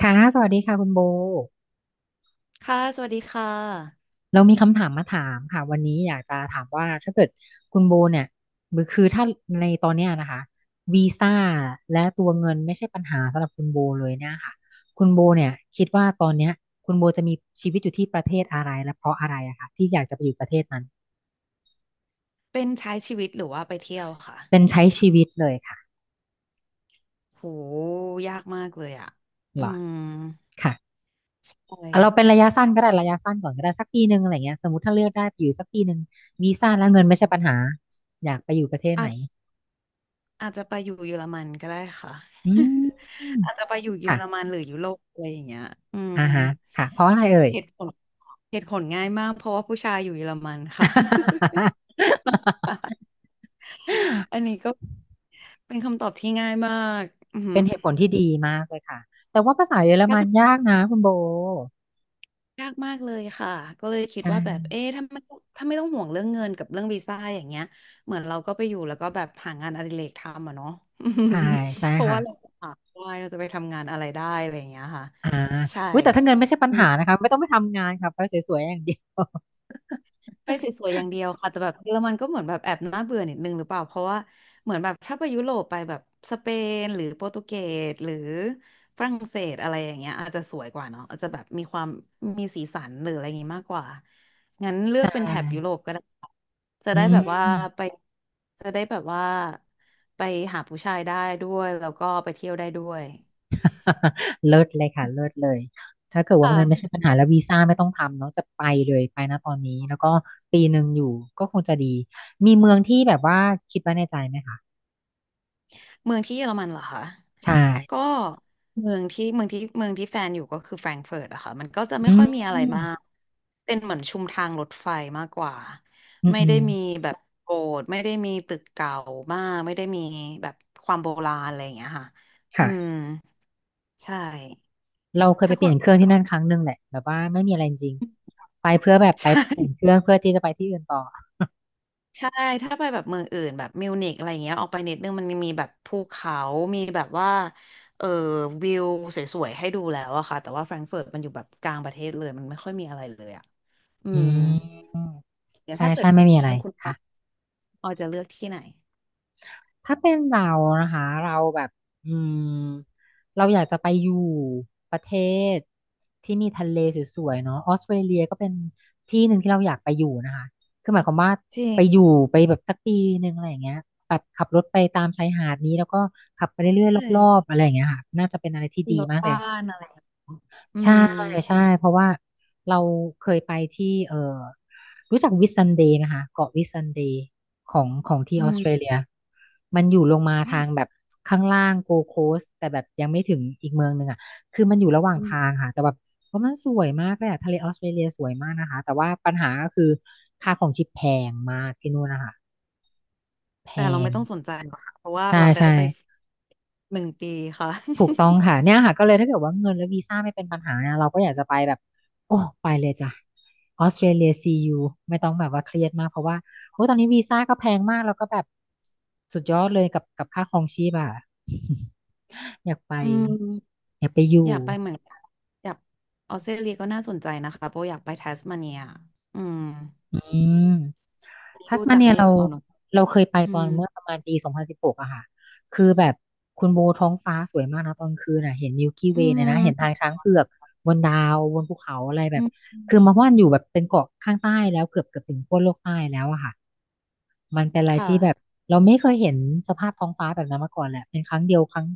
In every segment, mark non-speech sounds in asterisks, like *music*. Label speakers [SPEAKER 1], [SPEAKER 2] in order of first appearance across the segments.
[SPEAKER 1] ค่ะสวัสดีค่ะคุณโบ
[SPEAKER 2] ค่ะสวัสดีค่ะ
[SPEAKER 1] เรามีคำถามมาถามค่ะวันนี้อยากจะถามว่าถ้าเกิดคุณโบเนี่ยคือถ้าในตอนเนี้ยนะคะวีซ่าและตัวเงินไม่ใช่ปัญหาสำหรับคุณโบเลยเนี่ยค่ะคุณโบเนี่ยคิดว่าตอนเนี้ยคุณโบจะมีชีวิตอยู่ที่ประเทศอะไรและเพราะอะไรอะคะที่อยากจะไปอยู่ประเทศนั้น
[SPEAKER 2] เป็นใช้ชีวิตหรือว่าไปเที่ยวค่ะ
[SPEAKER 1] เป็นใช้ชีวิตเลยค่ะ
[SPEAKER 2] โหยากมากเลยอ่ะ
[SPEAKER 1] เห
[SPEAKER 2] อื
[SPEAKER 1] รอ
[SPEAKER 2] ม
[SPEAKER 1] ค่ะ
[SPEAKER 2] ใช่
[SPEAKER 1] เอาเราเป็นระยะสั้นก็ได้ระยะสั้นก่อนก็ได้สักปีหนึ่งอะไรเงี้ยสมมติถ้าเลือกได้ไปอยู่สักปีหนึ่งวี
[SPEAKER 2] น
[SPEAKER 1] ซ่าและ
[SPEAKER 2] ี่
[SPEAKER 1] เงิ
[SPEAKER 2] หร
[SPEAKER 1] น
[SPEAKER 2] อ
[SPEAKER 1] ไม่ใช่ปัญหาอยากไปอยู่ประเทศไห
[SPEAKER 2] อา
[SPEAKER 1] น
[SPEAKER 2] จอาจจะไปอยู่เยอรมันก็ได้ค่ะ
[SPEAKER 1] อื
[SPEAKER 2] *laughs*
[SPEAKER 1] ม
[SPEAKER 2] อาจจะไปอยู่เยอ
[SPEAKER 1] ค่ะ
[SPEAKER 2] รมันหรือยุโรปอะไรอย่างเงี้ยอืม
[SPEAKER 1] อ่าฮะค่ะ เพราะอะไรเอ่ย
[SPEAKER 2] เหตุผลเหตุผลง่ายมากเพราะว่าผู้ชายอยู่เยอรมันค่ะ
[SPEAKER 1] *laughs*
[SPEAKER 2] *laughs* อันนี้ก็เป็นคำตอบที่ง่ายมากอือหื
[SPEAKER 1] เป็
[SPEAKER 2] อ
[SPEAKER 1] นเหตุผลที่ดีมากเลยค่ะแต่ว่าภาษาเยอรมันยากนะคุณโบ
[SPEAKER 2] ยากมากเลยค่ะก็เลยคิดว่าแบบ
[SPEAKER 1] ใช่
[SPEAKER 2] เอ๊ะถ้าไม่ถ้าไม่ต้องห่วงเรื่องเงินกับเรื่องวีซ่าอย่างเงี้ยเหมือนเราก็ไปอยู่แล้วก็แบบหางานอดิเรกทำอะเนาะ
[SPEAKER 1] ใช่ใช่
[SPEAKER 2] *laughs* เพราะว่าเรา
[SPEAKER 1] ค่ะ
[SPEAKER 2] จะหาได้เราจะไปทำงานอะไรได้อะไรอย่างเงี้ยค่ะ
[SPEAKER 1] อ่า
[SPEAKER 2] ใช่
[SPEAKER 1] อุ้ยแต่ถ้าเงินไม่ใช่ปัญหานะคะไม่ต้องไปทำงานค่ะไปสวยๆอย่างเดียว
[SPEAKER 2] ไปส
[SPEAKER 1] *laughs*
[SPEAKER 2] วยๆอย่างเดียวค่ะแต่แบบเยอรมันก็เหมือนแบบแอบน่าเบื่อนิดนึงหรือเปล่าเพราะว่าเหมือนแบบถ้าไปยุโรปไปแบบสเปนหรือโปรตุเกสหรือฝรั่งเศสอะไรอย่างเงี้ยอาจจะสวยกว่าเนาะอาจจะแบบมีความมีสีสันหรืออะไรอย่างงี้มากกว่างั้นเลื
[SPEAKER 1] ใช
[SPEAKER 2] อกเป็นแถบยุโรป
[SPEAKER 1] ่
[SPEAKER 2] ก็ได้ค่ะจะ
[SPEAKER 1] อื
[SPEAKER 2] ได้แบบว่า
[SPEAKER 1] ม
[SPEAKER 2] ไปจะได้แบบว่าไปหาผู้ชายได้ด้วยแล้วก็ไปเที่ยวได้ด้วย
[SPEAKER 1] *laughs* เลิศเลยค่ะ เลิศเลยถ้าเกิดว่าเงินไม่ใช่
[SPEAKER 2] ค่ะ
[SPEAKER 1] ปัญหาแล้ววีซ่าไม่ต้องทำเนาะจะไปเลยไปนะตอนนี้แล้วก็ปีหนึ่งอยู่ก็คงจะดี มีเมืองที่แบบว่าคิดไว้ในใจไหมคะ
[SPEAKER 2] เมืองที่เยอรมันเหรอคะ
[SPEAKER 1] ใช่
[SPEAKER 2] ก็เมืองที่แฟนอยู่ก็คือแฟรงก์เฟิร์ตอะค่ะมันก็จะไม่
[SPEAKER 1] อื
[SPEAKER 2] ค่อ
[SPEAKER 1] ม
[SPEAKER 2] ยมีอะ
[SPEAKER 1] อื
[SPEAKER 2] ไร
[SPEAKER 1] ม
[SPEAKER 2] มากเป็นเหมือนชุมทางรถไฟมากกว่า
[SPEAKER 1] อื
[SPEAKER 2] ไม่ได้
[SPEAKER 1] ม
[SPEAKER 2] มีแบบโบสถ์ไม่ได้มีตึกเก่ามากไม่ได้มีแบบความโบราณอะไรอย่างเงี้ยค่ะอืม
[SPEAKER 1] ค่ะ
[SPEAKER 2] ใช่
[SPEAKER 1] เราเคยไป
[SPEAKER 2] ถ้า
[SPEAKER 1] เป
[SPEAKER 2] คุ
[SPEAKER 1] ลี่
[SPEAKER 2] ณ
[SPEAKER 1] ยนเครื่องที่นั่นครั้งหนึ่งแหละแบบว่าไม่มีอะไรจริงๆไปเพื่อแบบ
[SPEAKER 2] *laughs*
[SPEAKER 1] ไป
[SPEAKER 2] ใช่
[SPEAKER 1] เปลี่ยนเครื่องเพื่อที่จะไปที่อื่นต่อ
[SPEAKER 2] ใช่ถ้าไปแบบเมืองอื่นแบบมิวนิกอะไรเงี้ยออกไปนิดนึงมันมีแบบภูเขามีแบบว่าเออวิวสวยๆให้ดูแล้วอะค่ะแต่ว่าแฟรงก์เฟิร์ตมันอยู่แบบกลางประเทศเลยมันไม่ค่อยมีอะไรเลยอะ อื
[SPEAKER 1] อื
[SPEAKER 2] ม
[SPEAKER 1] ม
[SPEAKER 2] เดี๋ยว
[SPEAKER 1] ใช่
[SPEAKER 2] ถ้าเกิ
[SPEAKER 1] ใช่
[SPEAKER 2] ด
[SPEAKER 1] ไม่มีอะไร
[SPEAKER 2] เป็นคุณออ
[SPEAKER 1] ค่ะ
[SPEAKER 2] ออจะเลือกที่ไหน
[SPEAKER 1] ถ้าเป็นเรานะคะเราแบบอืมเราอยากจะไปอยู่ประเทศที่มีทะเลสวยๆเนาะออสเตรเลียก็เป็นที่หนึ่งที่เราอยากไปอยู่นะคะคือหมายความว่า
[SPEAKER 2] จริง
[SPEAKER 1] ไปอยู่ไปแบบสักปีหนึ่งอะไรอย่างเงี้ยแบบขับรถไปตามชายหาดนี้แล้วก็ขับไปเรื่อยๆ
[SPEAKER 2] ใช่
[SPEAKER 1] รอบๆอะไรอย่างเงี้ยค่ะน่าจะเป็นอะไรที่
[SPEAKER 2] มี
[SPEAKER 1] ดี
[SPEAKER 2] รถ
[SPEAKER 1] มากเล
[SPEAKER 2] บ้า
[SPEAKER 1] ย
[SPEAKER 2] นอะไรอื
[SPEAKER 1] ใช่
[SPEAKER 2] ม
[SPEAKER 1] ใช่เพราะว่าเราเคยไปที่รู้จักวิสซันเดย์ไหมคะเกาะวิสซันเดย์ของของที่
[SPEAKER 2] อื
[SPEAKER 1] ออส
[SPEAKER 2] ม
[SPEAKER 1] เตรเลียมันอยู่ลงมา
[SPEAKER 2] ไม่
[SPEAKER 1] ทางแบบข้างล่างโกโคสแต่แบบยังไม่ถึงอีกเมืองหนึ่งอ่ะคือมันอยู่ระหว่างทางค่ะแต่แบบว่ามันสวยมากเลยอะทะเลออสเตรเลียสวยมากนะคะแต่ว่าปัญหาก็คือค่าของชีพแพงมากที่นู่นนะคะแพ
[SPEAKER 2] แต่เรา
[SPEAKER 1] ง
[SPEAKER 2] ไม่ต้องสนใจหรอกค่ะเพราะว่า
[SPEAKER 1] ใช่
[SPEAKER 2] เราได้
[SPEAKER 1] ใช่
[SPEAKER 2] ไปหนึ่งปีค่ะ
[SPEAKER 1] ถูกต้องค่ะ
[SPEAKER 2] *laughs*
[SPEAKER 1] เนี่ยค่ะก็เลยถ้าเกิดว่าเงินและวีซ่าไม่เป็นปัญหานะเราก็อยากจะไปแบบโอ้ไปเลยจ้ะออสเตรเลียซียูไม่ต้องแบบว่าเครียดมากเพราะว่าโอ้ตอนนี้วีซ่าก็แพงมากแล้วก็แบบสุดยอดเลยกับกับค่าครองชีพอ่ะ *laughs* อยากไป
[SPEAKER 2] อืม
[SPEAKER 1] อยากไปอ
[SPEAKER 2] อ
[SPEAKER 1] ยู่
[SPEAKER 2] ยากไปเหมือนกันอยากออสเตรเลียก็น่าสนใจนะคะเพราะอยากไปทัสมาเนียอืม
[SPEAKER 1] อืม
[SPEAKER 2] อันนี้
[SPEAKER 1] ทัส
[SPEAKER 2] ดู
[SPEAKER 1] มา
[SPEAKER 2] จาก
[SPEAKER 1] เนีย
[SPEAKER 2] รู
[SPEAKER 1] เรา
[SPEAKER 2] ปเอาเนอะ
[SPEAKER 1] เราเคยไป
[SPEAKER 2] อื
[SPEAKER 1] ตอ
[SPEAKER 2] ม
[SPEAKER 1] นเมื่อประมาณปี2016อะค่ะคือแบบคุณโบท้องฟ้าสวยมากนะตอนกลางคืนอะเห็นมิลกี้
[SPEAKER 2] อื
[SPEAKER 1] เวยเลยนะเห็นทาง
[SPEAKER 2] ม
[SPEAKER 1] ช้างเผือกบนดาวบนภูเขาอะไรแบ
[SPEAKER 2] อื
[SPEAKER 1] บ
[SPEAKER 2] ม
[SPEAKER 1] คือมาว่านอยู่แบบเป็นเกาะข้างใต้แล้วเกือบเกือบถึงขั้วโลกใต้แล้วอะค่ะมันเป็นอะไร
[SPEAKER 2] ค
[SPEAKER 1] ที่แบบ
[SPEAKER 2] ่ะ
[SPEAKER 1] เราไม่เคยเห็นสภาพท้องฟ้าแบบนั้นมาก่อนแหละเป็นครั้งเดียวครั้ง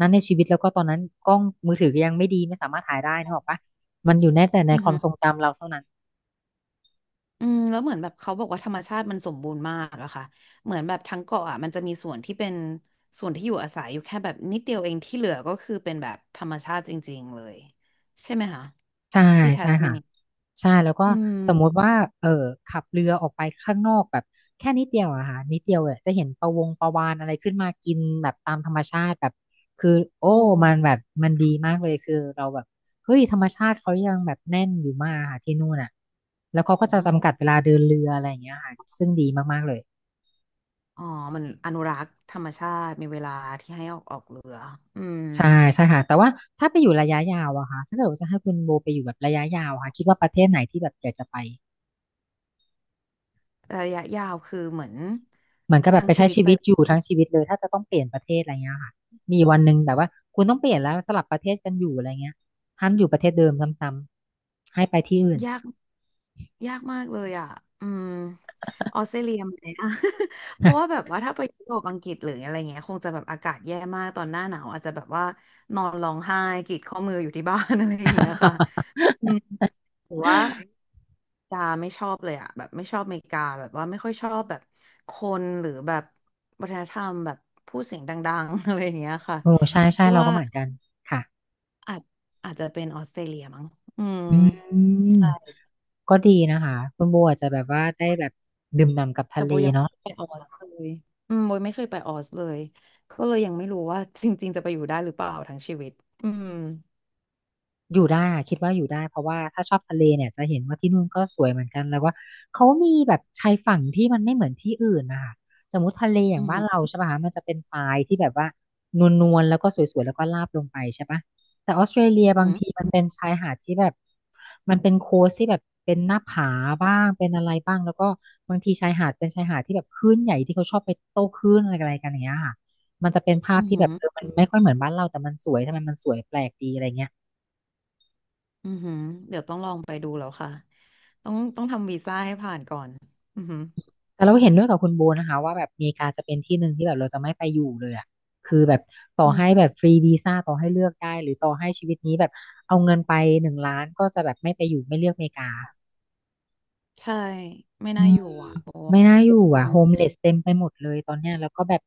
[SPEAKER 1] นั้นในชีวิตแล้วก็ตอนนั้นกล้องมือถือก็ยังไม่ดีไม่สามารถถ่ายได้นึกออกปะมันอยู่แน่แต่ใน
[SPEAKER 2] อื
[SPEAKER 1] ความทร
[SPEAKER 2] ม
[SPEAKER 1] งจำเราเท่านั้น
[SPEAKER 2] อืมแล้วเหมือนแบบเขาบอกว่าธรรมชาติมันสมบูรณ์มากอะค่ะเหมือนแบบทั้งเกาะอะมันจะมีส่วนที่เป็นส่วนที่อยู่อาศัยอยู่แค่แบบนิดเดียวเองที่เหลือก็คือเป็นแบบธรรมชาติจริงๆเลยใช่ไหมคะ
[SPEAKER 1] ใช่
[SPEAKER 2] ที่แท
[SPEAKER 1] ใช่
[SPEAKER 2] สมา
[SPEAKER 1] ค่ะ
[SPEAKER 2] เนีย
[SPEAKER 1] ใช่แล้วก็
[SPEAKER 2] อืม
[SPEAKER 1] สมมุติว่าเออขับเรือออกไปข้างนอกแบบแค่นิดเดียวอะค่ะนิดเดียวเนี่ยจะเห็นปะวงปะวาฬอะไรขึ้นมากินแบบตามธรรมชาติแบบคือโอ้
[SPEAKER 2] โอ้
[SPEAKER 1] มันแบ
[SPEAKER 2] อ
[SPEAKER 1] บมันดีมากเลยคือเราแบบเฮ้ยธรรมชาติเขายังแบบแน่นอยู่มากค่ะที่นู่นอะแล้วเขาก็จะ
[SPEAKER 2] ม
[SPEAKER 1] จำกัดเวลาเดินเรืออะไรอย่างเงี้ยค่ะซึ่งดีมากๆเลย
[SPEAKER 2] อ๋อมันอนุรักษ์ธรรมชาติมีเวลาที่ให้ออกออกเรืออืม
[SPEAKER 1] ใช่ใช่ค่ะแต่ว่าถ้าไปอยู่ระยะยาวอะค่ะถ้าเกิดว่าจะให้คุณโบไปอยู่แบบระยะยาวอะค่ะคิดว่าประเทศไหนที่แบบอยากจะไป
[SPEAKER 2] ระยะยาวคือเหมือน
[SPEAKER 1] เหมือนกับแบบ
[SPEAKER 2] ทั้ง
[SPEAKER 1] ไป
[SPEAKER 2] ชี
[SPEAKER 1] ใช้
[SPEAKER 2] วิต
[SPEAKER 1] ชี
[SPEAKER 2] ไป
[SPEAKER 1] วิตอยู่ทั้งชีวิตเลยถ้าจะต้องเปลี่ยนประเทศอะไรเงี้ยค่ะมีวันหนึ่งแบบว่าคุณต้องเปลี่ยนแล้วสลับประเทศกันอยู่อะไรเงี้ยห้ามอยู่ประเทศเดิมซ้ำๆให้ไปที่อื่น
[SPEAKER 2] ยาก ยากมากเลยอ่ะอืมออสเตรเลียไหมอ่ะ *laughs* เพราะว่าแบบว่าถ้าไปยุโรปอังกฤษหรืออะไรเงี้ยคงจะแบบอากาศแย่มากตอนหน้าหนาวอาจจะแบบว่านอนร้องไห้กรีดข้อมืออยู่ที่บ้าน *laughs* อะไรอย่างเงี้ยค่ะ
[SPEAKER 1] *laughs*
[SPEAKER 2] อืมหรือว่าอเมริกาไม่ชอบเลยอ่ะแบบไม่ชอบอเมริกาแบบว่าไม่ค่อยชอบแบบคนหรือแบบวัฒนธรรมแบบพูดเสียงดังๆ *laughs* อะไรอย่างเงี้ยค่ะ
[SPEAKER 1] โอ้ใช่ใช่
[SPEAKER 2] คิด
[SPEAKER 1] เรา
[SPEAKER 2] ว่า
[SPEAKER 1] ก็เหมือนกันค่ะ
[SPEAKER 2] อาจอาจจะเป็นออสเตรเลียมั้งอืม
[SPEAKER 1] อืม
[SPEAKER 2] ใช่
[SPEAKER 1] ก็ดีนะคะคุณโบอาจจะแบบว่าได้แบบดื่มด่ำกับ
[SPEAKER 2] แต่
[SPEAKER 1] ทะเล
[SPEAKER 2] โบยังไม่
[SPEAKER 1] เนาะ
[SPEAKER 2] เคยไปออสเลยอืมโบไม่เคยไปออสเลยก็เลยยังไม่รู้ว่าจริงๆจะไปอยู่ได้หรือเปล่าทั้งชีวิตอืม
[SPEAKER 1] อยู่ได้อะคิดว่าอยู่ได้เพราะว่าถ้าชอบทะเลเนี่ยจะเห็นว่าที่นู่นก็สวยเหมือนกันแล้วว่าเขามีแบบชายฝั่งที่มันไม่เหมือนที่อื่นนะคะสมมติทะเลอย่า
[SPEAKER 2] อื
[SPEAKER 1] ง
[SPEAKER 2] อ
[SPEAKER 1] บ้าน
[SPEAKER 2] หื
[SPEAKER 1] เรา
[SPEAKER 2] อ
[SPEAKER 1] ใช่ป่ะคะมันจะเป็นทรายที่แบบว่านวลๆแล้วก็สวยๆแล้วก็ราบลงไปใช่ป่ะแต่ออสเตรเลีย
[SPEAKER 2] อือ
[SPEAKER 1] บาง
[SPEAKER 2] หือ
[SPEAKER 1] ทีมันเป็นชายหาดที่แบบมันเป็นโคสที่แบบเป็นหน้าผาบ้างเป็นอะไรบ้างแล้วก็บางทีชายหาดเป็นชายหาดที่แบบคลื่นใหญ่ที่เขาชอบไปโต้คลื่นอะไรกันอะไรกันอย่างเงี้ยค่ะมันจะเป็นภาพ
[SPEAKER 2] อือ
[SPEAKER 1] ที่
[SPEAKER 2] หื
[SPEAKER 1] แบบ
[SPEAKER 2] อ
[SPEAKER 1] เออมันไม่ค่อยเหมือนบ้านเราแต่มันสวยทำไมมันสวยแปลกดีอะไรเงี้ย
[SPEAKER 2] อือหือเดี๋ยวต้องลองไปดูแล้วค่ะต้องต้องทำวีซ่าให้ผ่านก่อนอือหือ
[SPEAKER 1] แต่เราเห็นด้วยกับคุณโบนะคะว่าแบบอเมริกาจะเป็นที่หนึ่งที่แบบเราจะไม่ไปอยู่เลยอ่ะคือแบบต่อ
[SPEAKER 2] อืม
[SPEAKER 1] ให้แบบฟรีวีซ่าต่อให้เลือกได้หรือต่อให้ชีวิตนี้แบบเอาเงินไป1,000,000ก็จะแบบไม่ไปอยู่ไม่เลือกอเมริกา
[SPEAKER 2] ใช่ไม่น่าอยู่อ่ะโบ
[SPEAKER 1] ไม่น่าอยู่
[SPEAKER 2] อื
[SPEAKER 1] อ่ะ
[SPEAKER 2] ม
[SPEAKER 1] โฮมเลสเต็มไปหมดเลยตอนเนี้ยแล้วก็แบบ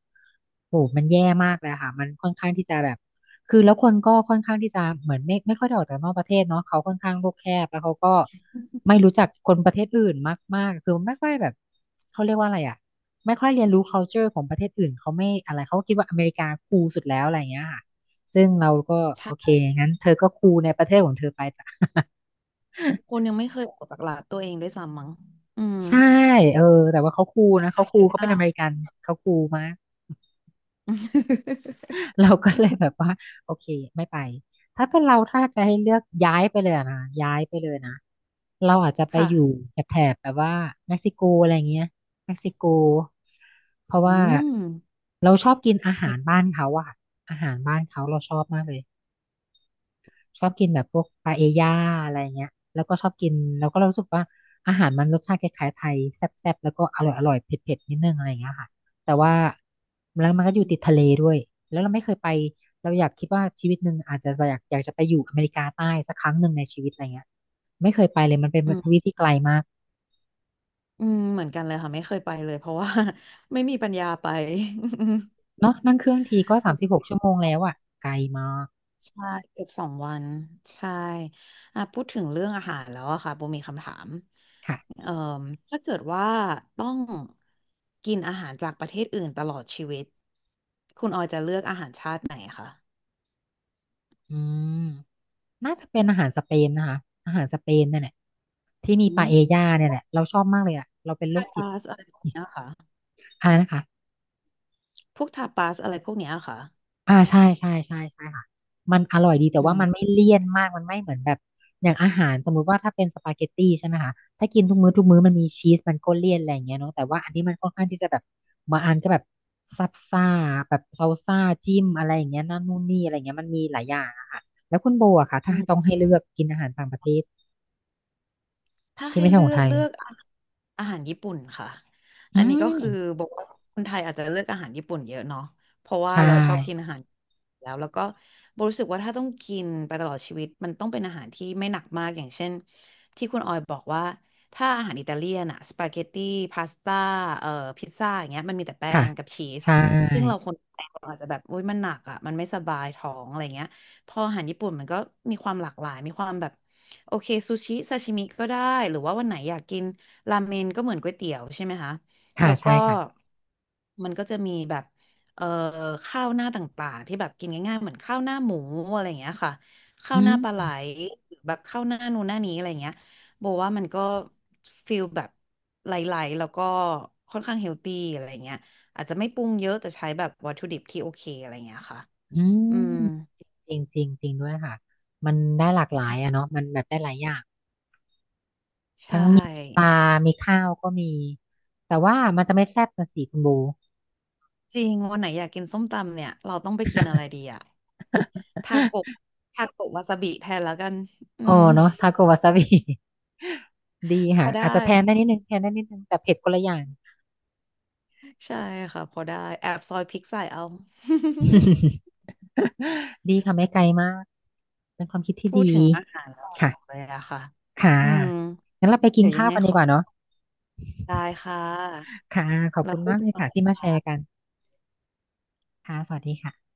[SPEAKER 1] โหมันแย่มากเลยค่ะมันค่อนข้างที่จะแบบคือแล้วคนก็ค่อนข้างที่จะเหมือนไม่ค่อยได้ออกจากนอกประเทศเนาะเขาค่อนข้างโลกแคบแล้วเขาก็ไม่รู้จักคนประเทศอื่นมากมากคือไม่ค่อยแบบเขาเรียกว่าอะไรอ่ะไม่ค่อยเรียนรู้ culture ของประเทศอื่นเขาไม่อะไรเขาคิดว่าอเมริกาคูลสุดแล้วอะไรอย่างเงี้ยค่ะซึ่งเราก็โอเค
[SPEAKER 2] ใช่
[SPEAKER 1] งั้นเธอก็คูลในประเทศของเธอไปจ้ะ
[SPEAKER 2] คน
[SPEAKER 1] *laughs*
[SPEAKER 2] ยังไม่เคยออกจากหลาดตัวเองด้วยซ้ำมั้งอืม
[SPEAKER 1] ใช่เออแต่ว่าเขาคูลนะเขาคู
[SPEAKER 2] เย
[SPEAKER 1] ล
[SPEAKER 2] อะ
[SPEAKER 1] เขาเป็น
[SPEAKER 2] มา
[SPEAKER 1] อ
[SPEAKER 2] ก
[SPEAKER 1] เมริกันเขาคูลมาก
[SPEAKER 2] *laughs*
[SPEAKER 1] *laughs* เราก็เลยแบบว่าโอเคไม่ไปถ้าเป็นเราถ้าจะให้เลือกย้ายไปเลยอะนะย้ายไปเลยนะเราอาจจะไป
[SPEAKER 2] ค่ะ
[SPEAKER 1] อยู่แถบแถบแบบว่าเม็กซิโกอะไรเงี้ยเม็กซิโกเพราะ
[SPEAKER 2] อื
[SPEAKER 1] ว่า
[SPEAKER 2] ม
[SPEAKER 1] เราชอบกินอาหา
[SPEAKER 2] มี
[SPEAKER 1] รบ้านเขาอะค่ะอาหารบ้านเขาเราชอบมากเลย ชอบกินแบบพวกปาเอย่าอะไรเงี้ยแล้วก็ชอบกินแล้วก็เรารู้สึกว่าอาหารมันรสชาติคล้ายๆไทยแซ่บๆแล้วก็อร่อยอร่อยเผ็ดๆนิดนึงอะไรเงี้ยค่ะแต่ว่าแล้วมันก็อยู่
[SPEAKER 2] อื
[SPEAKER 1] ติดทะเลด้วยแล้วเราไม่เคยไปเราอยากคิดว่าชีวิตหนึ่งอาจจะอยากอยากจะไปอยู่อเมริกาใต้สักครั้งหนึ่งในชีวิตอะไรเงี้ยไม่เคยไปเลยมันเป็น
[SPEAKER 2] ม
[SPEAKER 1] ทวีปที่ไกลมาก
[SPEAKER 2] อืมเหมือนกันเลยค่ะไม่เคยไปเลยเพราะว่า *laughs* ไม่มีปัญญาไป *laughs*
[SPEAKER 1] เนาะนั่งเครื่องทีก็
[SPEAKER 2] โอ
[SPEAKER 1] สามสิบห
[SPEAKER 2] เค
[SPEAKER 1] กชั่วโมงแล้วอ่ะไกลมาก
[SPEAKER 2] ใช่เกือบสองวันใช่อ่ะพูดถึงเรื่องอาหารแล้วอะค่ะโบมีคำถาม
[SPEAKER 1] ค่ะ
[SPEAKER 2] เอ่อถ้าเกิดว่าต้องกินอาหารจากประเทศอื่นตลอดชีวิตคุณออยจะเลือกอาหารชาติไหนคะ
[SPEAKER 1] อืม น่าจะเป็นอาหารสเปนนะคะอาหารสเปนเนี่ยแหละที่มี
[SPEAKER 2] อื
[SPEAKER 1] ปาเอ
[SPEAKER 2] ม
[SPEAKER 1] ญ่าเนี่ยแหละเราชอบมากเลยอ่ะเราเป็นโร
[SPEAKER 2] ทา
[SPEAKER 1] คจิต
[SPEAKER 2] ปาสอะไรพวกเนี้ยค่ะ
[SPEAKER 1] อะไรนะคะ
[SPEAKER 2] พวกทาปาสอะไรพวกเนี้ยค่ะ
[SPEAKER 1] อ่าใช่ใช่ใช่ใช่ค่ะมันอร่อยดีแต่
[SPEAKER 2] อื
[SPEAKER 1] ว่า
[SPEAKER 2] ม
[SPEAKER 1] มันไม่เลี่ยนมากมันไม่เหมือนแบบอย่างอาหารสมมุติว่าถ้าเป็นสปาเกตตี้ใช่ไหมคะถ้ากินทุกมื้อทุกมื้อมันมีชีสมันก็เลี่ยนอะไรอย่างเงี้ยเนาะแต่ว่าอันนี้มันค่อนข้างที่จะแบบบางอันก็แบบซับซ่าแบบซาซ่าจิ้มอะไรอย่างเงี้ยนั่นนู่นนี่อะไรอย่างเงี้ยมันมีหลายอย่างอะค่ะแล้วคุณโบอะค่ะถ้าต้องให้เลือกกินอาหารต่างประเทศ
[SPEAKER 2] ถ้า
[SPEAKER 1] ที่
[SPEAKER 2] ให้
[SPEAKER 1] ไม่ใช่
[SPEAKER 2] เลื
[SPEAKER 1] ของ
[SPEAKER 2] อก
[SPEAKER 1] ไทย
[SPEAKER 2] เลือกอาอาหารญี่ปุ่นค่ะ
[SPEAKER 1] อื
[SPEAKER 2] อันนี้
[SPEAKER 1] ม
[SPEAKER 2] ก็คือบอกว่าคนไทยอาจจะเลือกอาหารญี่ปุ่นเยอะเนาะเพราะว่า
[SPEAKER 1] ใช่
[SPEAKER 2] เราชอบกินอาหารแล้วแล้วก็โบรู้สึกว่าถ้าต้องกินไปตลอดชีวิตมันต้องเป็นอาหารที่ไม่หนักมากอย่างเช่นที่คุณออยบอกว่าถ้าอาหารอิตาเลียนอะสปาเกตตี้พาสต้าเอ่อพิซซ่าอย่างเงี้ยมันมีแต่แป้
[SPEAKER 1] ค่ะ
[SPEAKER 2] งกับชีส
[SPEAKER 1] ใช
[SPEAKER 2] ซึ่งเรา
[SPEAKER 1] ่
[SPEAKER 2] คนไทยเราอาจจะแบบอุ้ยมันหนักอ่ะมันไม่สบายท้องอะไรเงี้ยพออาหารญี่ปุ่นมันก็มีความหลากหลายมีความแบบ โอเคซูชิซาชิมิก็ได้หรือว่าวันไหนอยากกินราเมนก็เหมือนก๋วยเตี๋ยวใช่ไหมคะ
[SPEAKER 1] ค่ะ
[SPEAKER 2] แล้วก็
[SPEAKER 1] ใช่ค่ะ
[SPEAKER 2] มันก็จะมีแบบเอ่อข้าวหน้าต่างๆที่แบบกินง่ายๆเหมือนข้าวหน้าหมูอะไรอย่างเงี้ยค่ะข้า
[SPEAKER 1] อื
[SPEAKER 2] วหน้าปลาไหล
[SPEAKER 1] ม
[SPEAKER 2] หรือแบบข้าวหน้านู่นหน้านี้อะไรอย่างเงี้ยโบว่ามันก็ฟีลแบบไหลๆแล้วก็ค่อนข้างเฮลตี้อะไรอย่างเงี้ยอาจจะไม่ปรุงเยอะแต่ใช้แบบวัตถุดิบที่โอเคอะไรอย่างเงี้ยค่ะ
[SPEAKER 1] อื
[SPEAKER 2] อื
[SPEAKER 1] ม
[SPEAKER 2] ม
[SPEAKER 1] จริงจริงจริงด้วยค่ะมันได้หลากหลายอะ
[SPEAKER 2] ใช่
[SPEAKER 1] เนาะมันแบบได้หลายอย่าง
[SPEAKER 2] ใช่
[SPEAKER 1] ทั้งมีปลามีข้าวก็มีแต่ว่ามันจะไม่แซ่บนะสิคุณบู
[SPEAKER 2] จริงวันไหนอยากกินส้มตำเนี่ยเราต้องไปกินอะไรดีอะทาโกะ
[SPEAKER 1] *laughs*
[SPEAKER 2] ทาโกะวาซาบิแทนแล้วกันอื
[SPEAKER 1] โอ้
[SPEAKER 2] ม
[SPEAKER 1] เนาะทาโกวาซาบิ *laughs* ดี
[SPEAKER 2] พ
[SPEAKER 1] ค่ะ
[SPEAKER 2] อได้
[SPEAKER 1] อาจจะแทนได้นิดนึงแทนได้นิดนึงแต่เผ็ดคนละอย่าง
[SPEAKER 2] ใช่ค่ะพอได้แอบซอยพริกใส่เอา *laughs*
[SPEAKER 1] *laughs* ดีค่ะไม่ไกลมากเป็นความคิดที่
[SPEAKER 2] พูด
[SPEAKER 1] ดี
[SPEAKER 2] ถึงอาหารแล้ว
[SPEAKER 1] ค่ะ
[SPEAKER 2] หิวเลยอะค่ะ
[SPEAKER 1] ค่ะ
[SPEAKER 2] อืม
[SPEAKER 1] งั้นเราไปกิ
[SPEAKER 2] เดี๋
[SPEAKER 1] น
[SPEAKER 2] ยวยั
[SPEAKER 1] ข้า
[SPEAKER 2] ง
[SPEAKER 1] ว
[SPEAKER 2] ไง
[SPEAKER 1] กัน
[SPEAKER 2] ข
[SPEAKER 1] ดี
[SPEAKER 2] อ
[SPEAKER 1] กว่าเนาะ
[SPEAKER 2] ได้ค่ะ
[SPEAKER 1] ค่ะขอบ
[SPEAKER 2] แล้
[SPEAKER 1] คุ
[SPEAKER 2] ว
[SPEAKER 1] ณ
[SPEAKER 2] คุย
[SPEAKER 1] มาก
[SPEAKER 2] กั
[SPEAKER 1] เลยค่ะที่
[SPEAKER 2] น
[SPEAKER 1] มาแชร์กันค่ะสวัสดีค่ะ